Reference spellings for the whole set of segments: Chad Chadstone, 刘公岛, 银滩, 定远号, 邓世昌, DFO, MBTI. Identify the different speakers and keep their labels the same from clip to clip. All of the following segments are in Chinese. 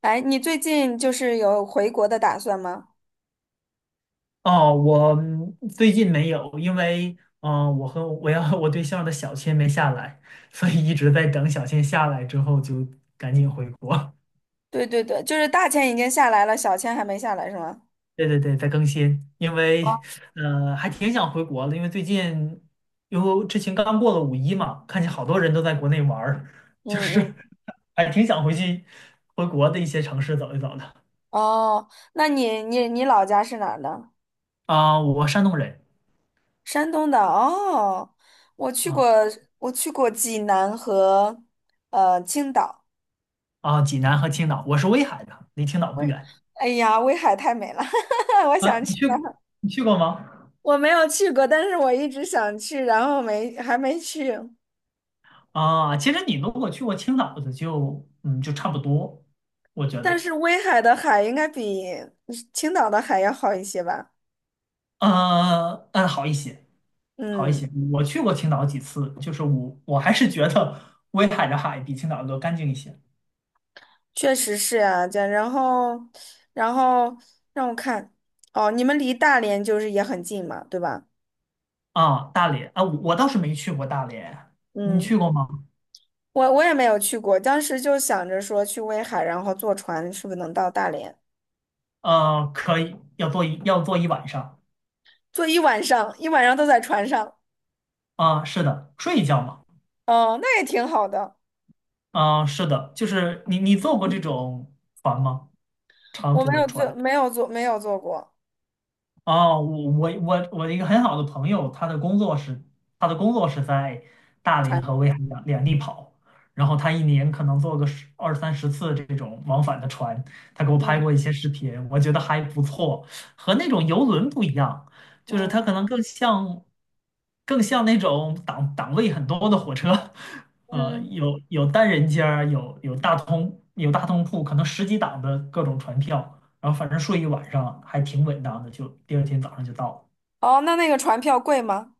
Speaker 1: 哎，你最近就是有回国的打算吗？
Speaker 2: 哦，我最近没有，因为我要和我对象的小签没下来，所以一直在等小签下来之后就赶紧回国。
Speaker 1: 对对对，就是大钱已经下来了，小钱还没下来是吗？
Speaker 2: 对对对，在更新，因为还挺想回国的，因为之前刚过了五一嘛，看见好多人都在国内玩儿，就
Speaker 1: 嗯
Speaker 2: 是
Speaker 1: 嗯。
Speaker 2: 还挺想回国的一些城市走一走的。
Speaker 1: 哦，那你老家是哪儿的？
Speaker 2: 啊，我山东人。
Speaker 1: 山东的。哦，我去过，
Speaker 2: 啊
Speaker 1: 我去过济南和青岛。
Speaker 2: 啊，济南和青岛，我是威海的，离青岛不
Speaker 1: 威，
Speaker 2: 远。
Speaker 1: 哎呀，威海太美了，我
Speaker 2: 啊，
Speaker 1: 想去那儿。
Speaker 2: 你去过吗？
Speaker 1: 我没有去过，但是我一直想去，然后没还没去。
Speaker 2: 啊，其实你如果去过青岛的就差不多，我觉
Speaker 1: 但
Speaker 2: 得。
Speaker 1: 是威海的海应该比青岛的海要好一些吧？
Speaker 2: 嗯，好一些，好一
Speaker 1: 嗯。
Speaker 2: 些。我去过青岛几次，就是我还是觉得威海的海比青岛的干净一些。
Speaker 1: 确实是啊，这然后，然后让我看，哦，你们离大连就是也很近嘛，对吧？
Speaker 2: 啊。大连啊，我倒是没去过大连，你
Speaker 1: 嗯，
Speaker 2: 去过吗？
Speaker 1: 我也没有去过，当时就想着说去威海，然后坐船是不是能到大连？
Speaker 2: 可以，要坐一晚上。
Speaker 1: 坐一晚上，一晚上都在船上，
Speaker 2: 啊。是的，睡一觉嘛。
Speaker 1: 哦，那也挺好的。
Speaker 2: 啊，是的，就是你坐过这种船吗？长
Speaker 1: 我没
Speaker 2: 途的
Speaker 1: 有坐，
Speaker 2: 船？
Speaker 1: 没有坐，没有坐过
Speaker 2: 哦，我的一个很好的朋友，他的工作是在大连
Speaker 1: 船。
Speaker 2: 和威海两地跑，然后他一年可能坐个十二三十次这种往返的船，他给我拍
Speaker 1: 嗯
Speaker 2: 过一些视频，我觉得还不错，和那种游轮不一样，就是
Speaker 1: 嗯
Speaker 2: 它可能更像那种档位很多的火车，
Speaker 1: 嗯，
Speaker 2: 有单人间儿，有大通铺，可能十几档的各种船票。然后反正睡一晚上还挺稳当的，就第二天早上就到了。
Speaker 1: 哦，那个船票贵吗？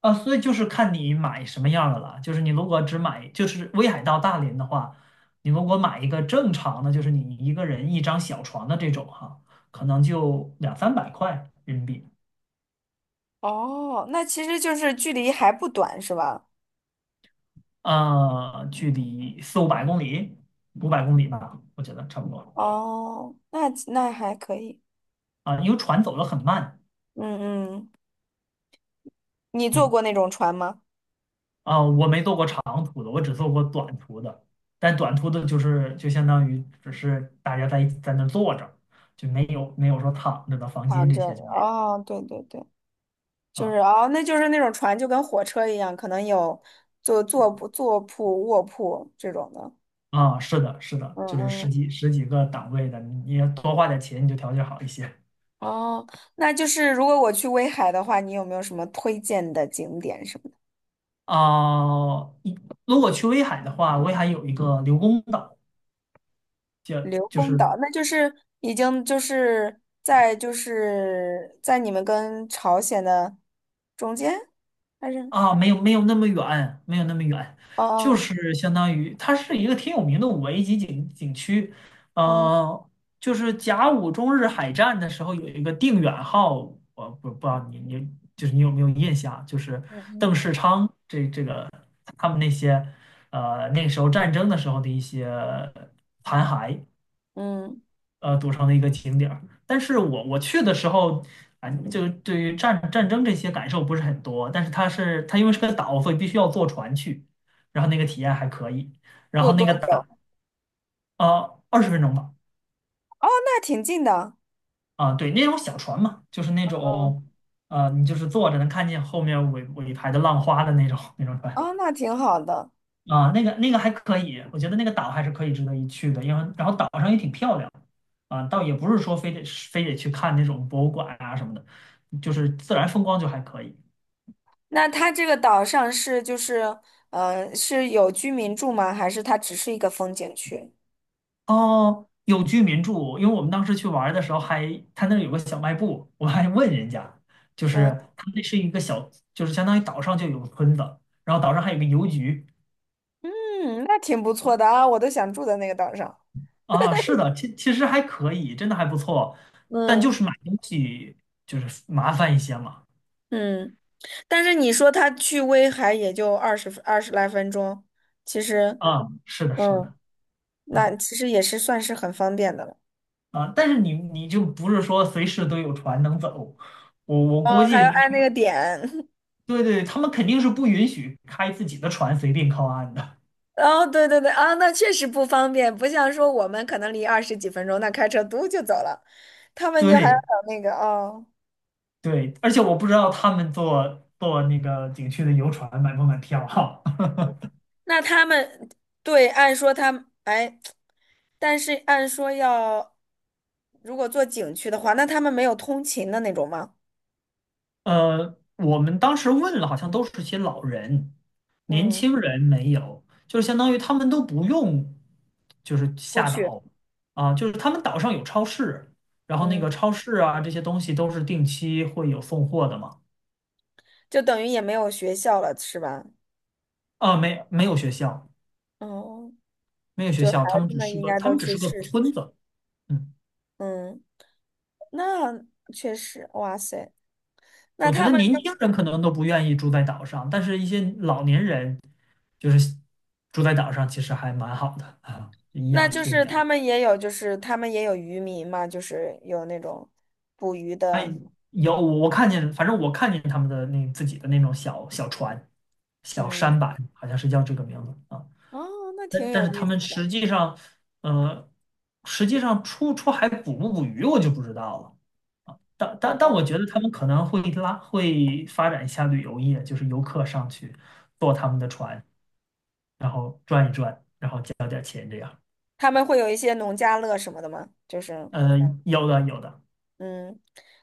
Speaker 2: 啊，所以就是看你买什么样的了。就是你如果只买，就是威海到大连的话，你如果买一个正常的，就是你一个人一张小床的这种哈，可能就两三百块人民币。
Speaker 1: 哦，那其实就是距离还不短是吧？
Speaker 2: 啊，距离四五百公里，五百公里吧，我觉得差不多。
Speaker 1: 哦，那还可以。
Speaker 2: 啊，因为船走得很慢。
Speaker 1: 嗯嗯你坐
Speaker 2: 嗯。
Speaker 1: 过那种船吗？
Speaker 2: 啊，我没做过长途的，我只做过短途的。但短途的，就是就相当于只是大家在那坐着，就没有说躺着的房间，
Speaker 1: 躺
Speaker 2: 这
Speaker 1: 着，
Speaker 2: 些就没有。
Speaker 1: 哦，对对对，就是
Speaker 2: 啊
Speaker 1: 哦，那就是那种船就跟火车一样，可能有坐铺、卧铺这种的。
Speaker 2: 啊，是的，是的，
Speaker 1: 嗯
Speaker 2: 就是十
Speaker 1: 嗯，
Speaker 2: 几十几个档位的，你要多花点钱，你就条件好一些。
Speaker 1: 哦，那就是如果我去威海的话，你有没有什么推荐的景点什么的？
Speaker 2: 啊。如果去威海的话，威海有一个刘公岛，就
Speaker 1: 刘
Speaker 2: 就
Speaker 1: 公
Speaker 2: 是
Speaker 1: 岛，那就是已经就是在你们跟朝鲜的中间，还是？
Speaker 2: 啊，没有那么远，没有那么远。就
Speaker 1: 哦
Speaker 2: 是相当于它是一个挺有名的五 A 级景区，
Speaker 1: 哦
Speaker 2: 呃，就是甲午中日海战的时候有一个定远号，我不知道你你有没有印象啊，就是
Speaker 1: 哦，嗯
Speaker 2: 邓世昌这他们那些那个时候战争的时候的一些残骸，
Speaker 1: 嗯嗯，
Speaker 2: 组成的一个景点儿。但是我去的时候，啊，就对于战争这些感受不是很多，但是它因为是个岛，所以必须要坐船去，然后那个体验还可以。然
Speaker 1: 坐
Speaker 2: 后那
Speaker 1: 多
Speaker 2: 个
Speaker 1: 久？
Speaker 2: 岛。啊，20分钟吧。
Speaker 1: 哦，那挺近的。
Speaker 2: 啊，对，那种小船嘛，就是那
Speaker 1: 嗯
Speaker 2: 种，
Speaker 1: 嗯。
Speaker 2: 你就是坐着能看见后面尾排的浪花的那种船。
Speaker 1: 哦，那挺好的。
Speaker 2: 啊，那个还可以，我觉得那个岛还是可以值得一去的，因为然后岛上也挺漂亮。啊，倒也不是说非得去看那种博物馆啊什么的，就是自然风光就还可以。
Speaker 1: 那它这个岛上是就是，是有居民住吗？还是它只是一个风景区？
Speaker 2: 哦，有居民住，因为我们当时去玩儿的时候还，他那儿有个小卖部，我还问人家，就
Speaker 1: 嗯
Speaker 2: 是他那是一个小，就是相当于岛上就有个村子，然后岛上还有个邮局。
Speaker 1: 嗯，那挺不错的啊，我都想住在那个岛上。
Speaker 2: 啊，是的，其实还可以，真的还不错，但就
Speaker 1: 嗯
Speaker 2: 是买东西就是麻烦一些嘛。
Speaker 1: 嗯，但是你说它去威海也就二十来分钟，其实，
Speaker 2: 啊，是的，是
Speaker 1: 嗯，
Speaker 2: 的。
Speaker 1: 那
Speaker 2: 啊
Speaker 1: 其实也是算是很方便的了。
Speaker 2: 啊！但是你就不是说随时都有船能走，我估
Speaker 1: 哦，还要
Speaker 2: 计。
Speaker 1: 按那个点。
Speaker 2: 对对，他们肯定是不允许开自己的船随便靠岸的。
Speaker 1: 哦，对对对，啊，那确实不方便，不像说我们可能离20几分钟，那开车嘟就走了，他 们就还要
Speaker 2: 对
Speaker 1: 等那个哦。
Speaker 2: 对，而且我不知道他们坐那个景区的游船买不买票哈。
Speaker 1: 那他们对，按说他们，哎，但是按说要，如果做景区的话，那他们没有通勤的那种吗？
Speaker 2: 我们当时问了，好像都是些老人，年
Speaker 1: 嗯，
Speaker 2: 轻人没有，就是相当于他们都不用，就是
Speaker 1: 出
Speaker 2: 下
Speaker 1: 去，
Speaker 2: 岛。啊，就是他们岛上有超市，然后那个
Speaker 1: 嗯，
Speaker 2: 超市啊这些东西都是定期会有送货的嘛。
Speaker 1: 就等于也没有学校了，是吧？
Speaker 2: 啊，没有学校，
Speaker 1: 哦，
Speaker 2: 没有学
Speaker 1: 就孩
Speaker 2: 校，
Speaker 1: 子们应该
Speaker 2: 他
Speaker 1: 都
Speaker 2: 们只
Speaker 1: 去
Speaker 2: 是个
Speaker 1: 试
Speaker 2: 村
Speaker 1: 试。
Speaker 2: 子。嗯，
Speaker 1: 嗯，那确实，哇塞，那
Speaker 2: 我觉
Speaker 1: 他
Speaker 2: 得
Speaker 1: 们
Speaker 2: 年轻
Speaker 1: 就，
Speaker 2: 人可能都不愿意住在岛上，但是一些老年人就是住在岛上，其实还蛮好的啊，颐
Speaker 1: 那
Speaker 2: 养
Speaker 1: 就
Speaker 2: 天
Speaker 1: 是
Speaker 2: 年。
Speaker 1: 他们也有，就是他们也有渔民嘛，就是有那种捕鱼
Speaker 2: 哎，
Speaker 1: 的，
Speaker 2: 我看见，反正我看见他们的那自己的那种小小船、小
Speaker 1: 嗯，
Speaker 2: 舢板，好像是叫这个名字啊。
Speaker 1: 哦，那
Speaker 2: 但
Speaker 1: 挺有
Speaker 2: 但是
Speaker 1: 意
Speaker 2: 他们
Speaker 1: 思的，
Speaker 2: 呃，实际上出海捕不捕鱼，我就不知道了。但我
Speaker 1: 哦。
Speaker 2: 觉得他们可能会发展一下旅游业，就是游客上去坐他们的船，然后转一转。
Speaker 1: 他们会有一些农家乐什么的吗？就是，
Speaker 2: 呃，有的有的。
Speaker 1: 嗯，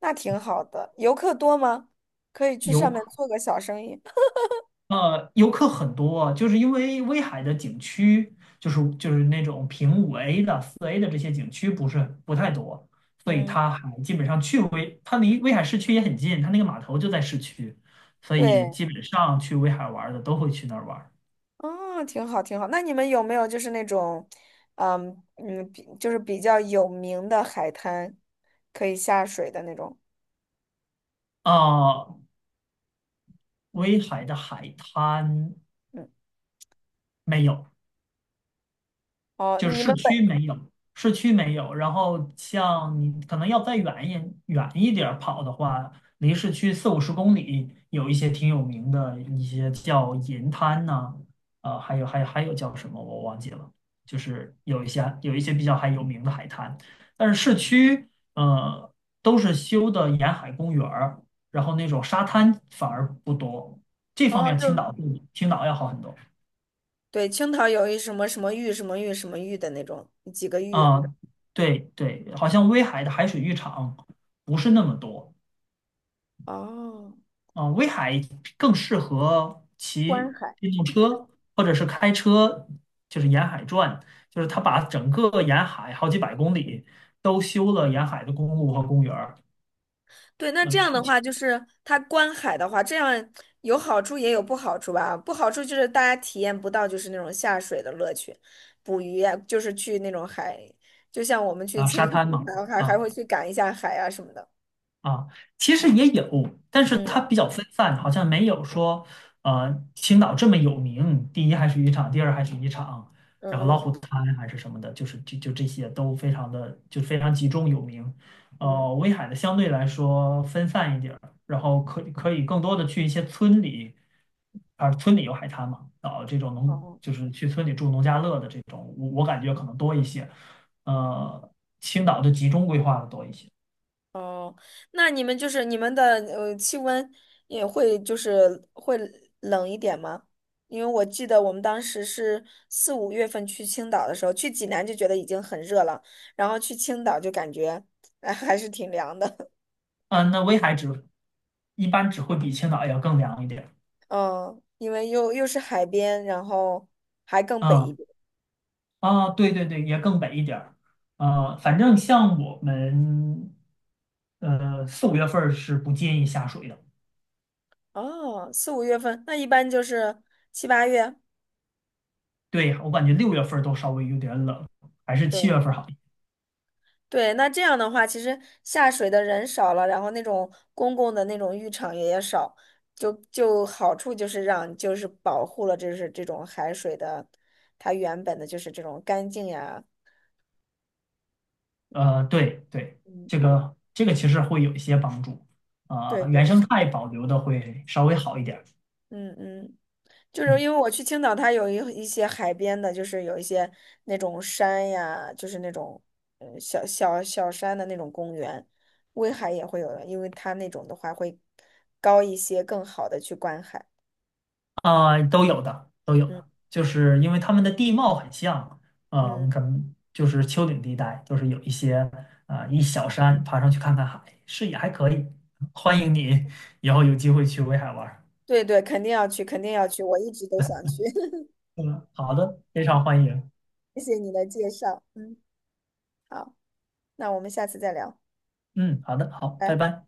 Speaker 1: 那挺好的。游客多吗？可以去上
Speaker 2: 游
Speaker 1: 面做个小生意。
Speaker 2: 游客很多啊，就是因为威海的景区，就是那种评五 A 的、四 A 的这些景区不太多，所以
Speaker 1: 嗯，
Speaker 2: 它还基本上去威，它离威海市区也很近，它那个码头就在市区，所以
Speaker 1: 对，
Speaker 2: 基本上去威海玩儿的都会去那儿玩。
Speaker 1: 哦，挺好，挺好。那你们有没有就是那种，嗯嗯，就是比较有名的海滩，可以下水的那种？
Speaker 2: 啊，威海的海滩
Speaker 1: 嗯，
Speaker 2: 没有，
Speaker 1: 哦，那
Speaker 2: 就是
Speaker 1: 你
Speaker 2: 市
Speaker 1: 们本，
Speaker 2: 区没有，市区没有。然后像你可能要再远一点儿跑的话，离市区四五十公里，有一些挺有名的一些叫银滩呐，还有叫什么我忘记了，就是有一些比较还有名的海滩，但是市区呃都是修的沿海公园儿，然后那种沙滩反而不多，这方
Speaker 1: 哦，
Speaker 2: 面
Speaker 1: 就
Speaker 2: 青
Speaker 1: 是
Speaker 2: 岛比青岛要好很多。
Speaker 1: 对，青岛有一什么什么玉什么玉什么玉的那种，几个玉。
Speaker 2: 啊，对对，好像威海的海水浴场不是那么多
Speaker 1: 哦，
Speaker 2: 啊，威海更适合
Speaker 1: 观
Speaker 2: 骑
Speaker 1: 海。
Speaker 2: 电动车或者是开车，就是沿海转，就是他把整个沿海好几百公里都修了沿海的公路和公园儿。
Speaker 1: 对，那这
Speaker 2: 嗯，
Speaker 1: 样的话，就是它观海的话，这样有好处也有不好处吧。不好处就是大家体验不到就是那种下水的乐趣，捕鱼啊，就是去那种海，就像我们
Speaker 2: 它
Speaker 1: 去
Speaker 2: 啊
Speaker 1: 青
Speaker 2: 沙滩嘛，
Speaker 1: 和海还
Speaker 2: 啊。
Speaker 1: 会去赶一下海啊什么的。
Speaker 2: 啊，其实也有，但是
Speaker 1: 嗯
Speaker 2: 它比较分散，好像没有说，青岛这么有名，第一还是渔场，第二还是渔场，
Speaker 1: 嗯
Speaker 2: 然后老
Speaker 1: 嗯
Speaker 2: 虎滩还是什么的，就是这些都非常集中有名。
Speaker 1: 嗯，
Speaker 2: 威海的相对来说分散一点儿，然后可以更多的去一些村里。啊，村里有海滩嘛，啊，这种农
Speaker 1: 哦。
Speaker 2: 就是去村里住农家乐的这种，我感觉可能多一些。呃，青岛的集中规划的多一些。
Speaker 1: 哦，那你们的气温也会就是会冷一点吗？因为我记得我们当时是四五月份去青岛的时候，去济南就觉得已经很热了，然后去青岛就感觉哎还是挺凉的，
Speaker 2: 嗯，那威海一般只会比青岛要更凉一点儿。
Speaker 1: 嗯，因为又是海边，然后还更北一
Speaker 2: 嗯，
Speaker 1: 点。
Speaker 2: 啊，对对对，也更北一点儿。反正像我们，四五月份儿是不建议下水的。
Speaker 1: 哦，四五月份那一般就是七八月，
Speaker 2: 对，我感觉六月份儿都稍微有点冷，还是七月
Speaker 1: 对。
Speaker 2: 份儿好一点。
Speaker 1: 对，那这样的话，其实下水的人少了，然后那种公共的那种浴场也少，就好处就是让就是保护了就是这种海水的，它原本的就是这种干净呀，
Speaker 2: 对对，
Speaker 1: 嗯，
Speaker 2: 这个其实会有一些帮助。
Speaker 1: 对
Speaker 2: 啊，原
Speaker 1: 对
Speaker 2: 生
Speaker 1: 是，
Speaker 2: 态保留的会稍微好一点儿。
Speaker 1: 嗯嗯，就是
Speaker 2: 嗯。
Speaker 1: 因为我去青岛，它有一些海边的，就是有一些那种山呀，就是那种小山的那种公园，威海也会有的，因为它那种的话会高一些，更好的去观海，
Speaker 2: 啊，都有的，都有
Speaker 1: 嗯
Speaker 2: 的，就是因为他们的地貌很像。啊，我
Speaker 1: 嗯。
Speaker 2: 们可能就是丘陵地带，就是有一些啊、一小山，爬上去看看海，视野还可以。欢迎你以后有机会去威海玩儿。
Speaker 1: 对对，肯定要去，肯定要去，我一直都想去。
Speaker 2: 嗯，好的，非常
Speaker 1: 嗯
Speaker 2: 欢迎。
Speaker 1: 谢谢你的介绍，嗯，好，那我们下次再聊，
Speaker 2: 嗯，好的，好，拜
Speaker 1: 拜。
Speaker 2: 拜。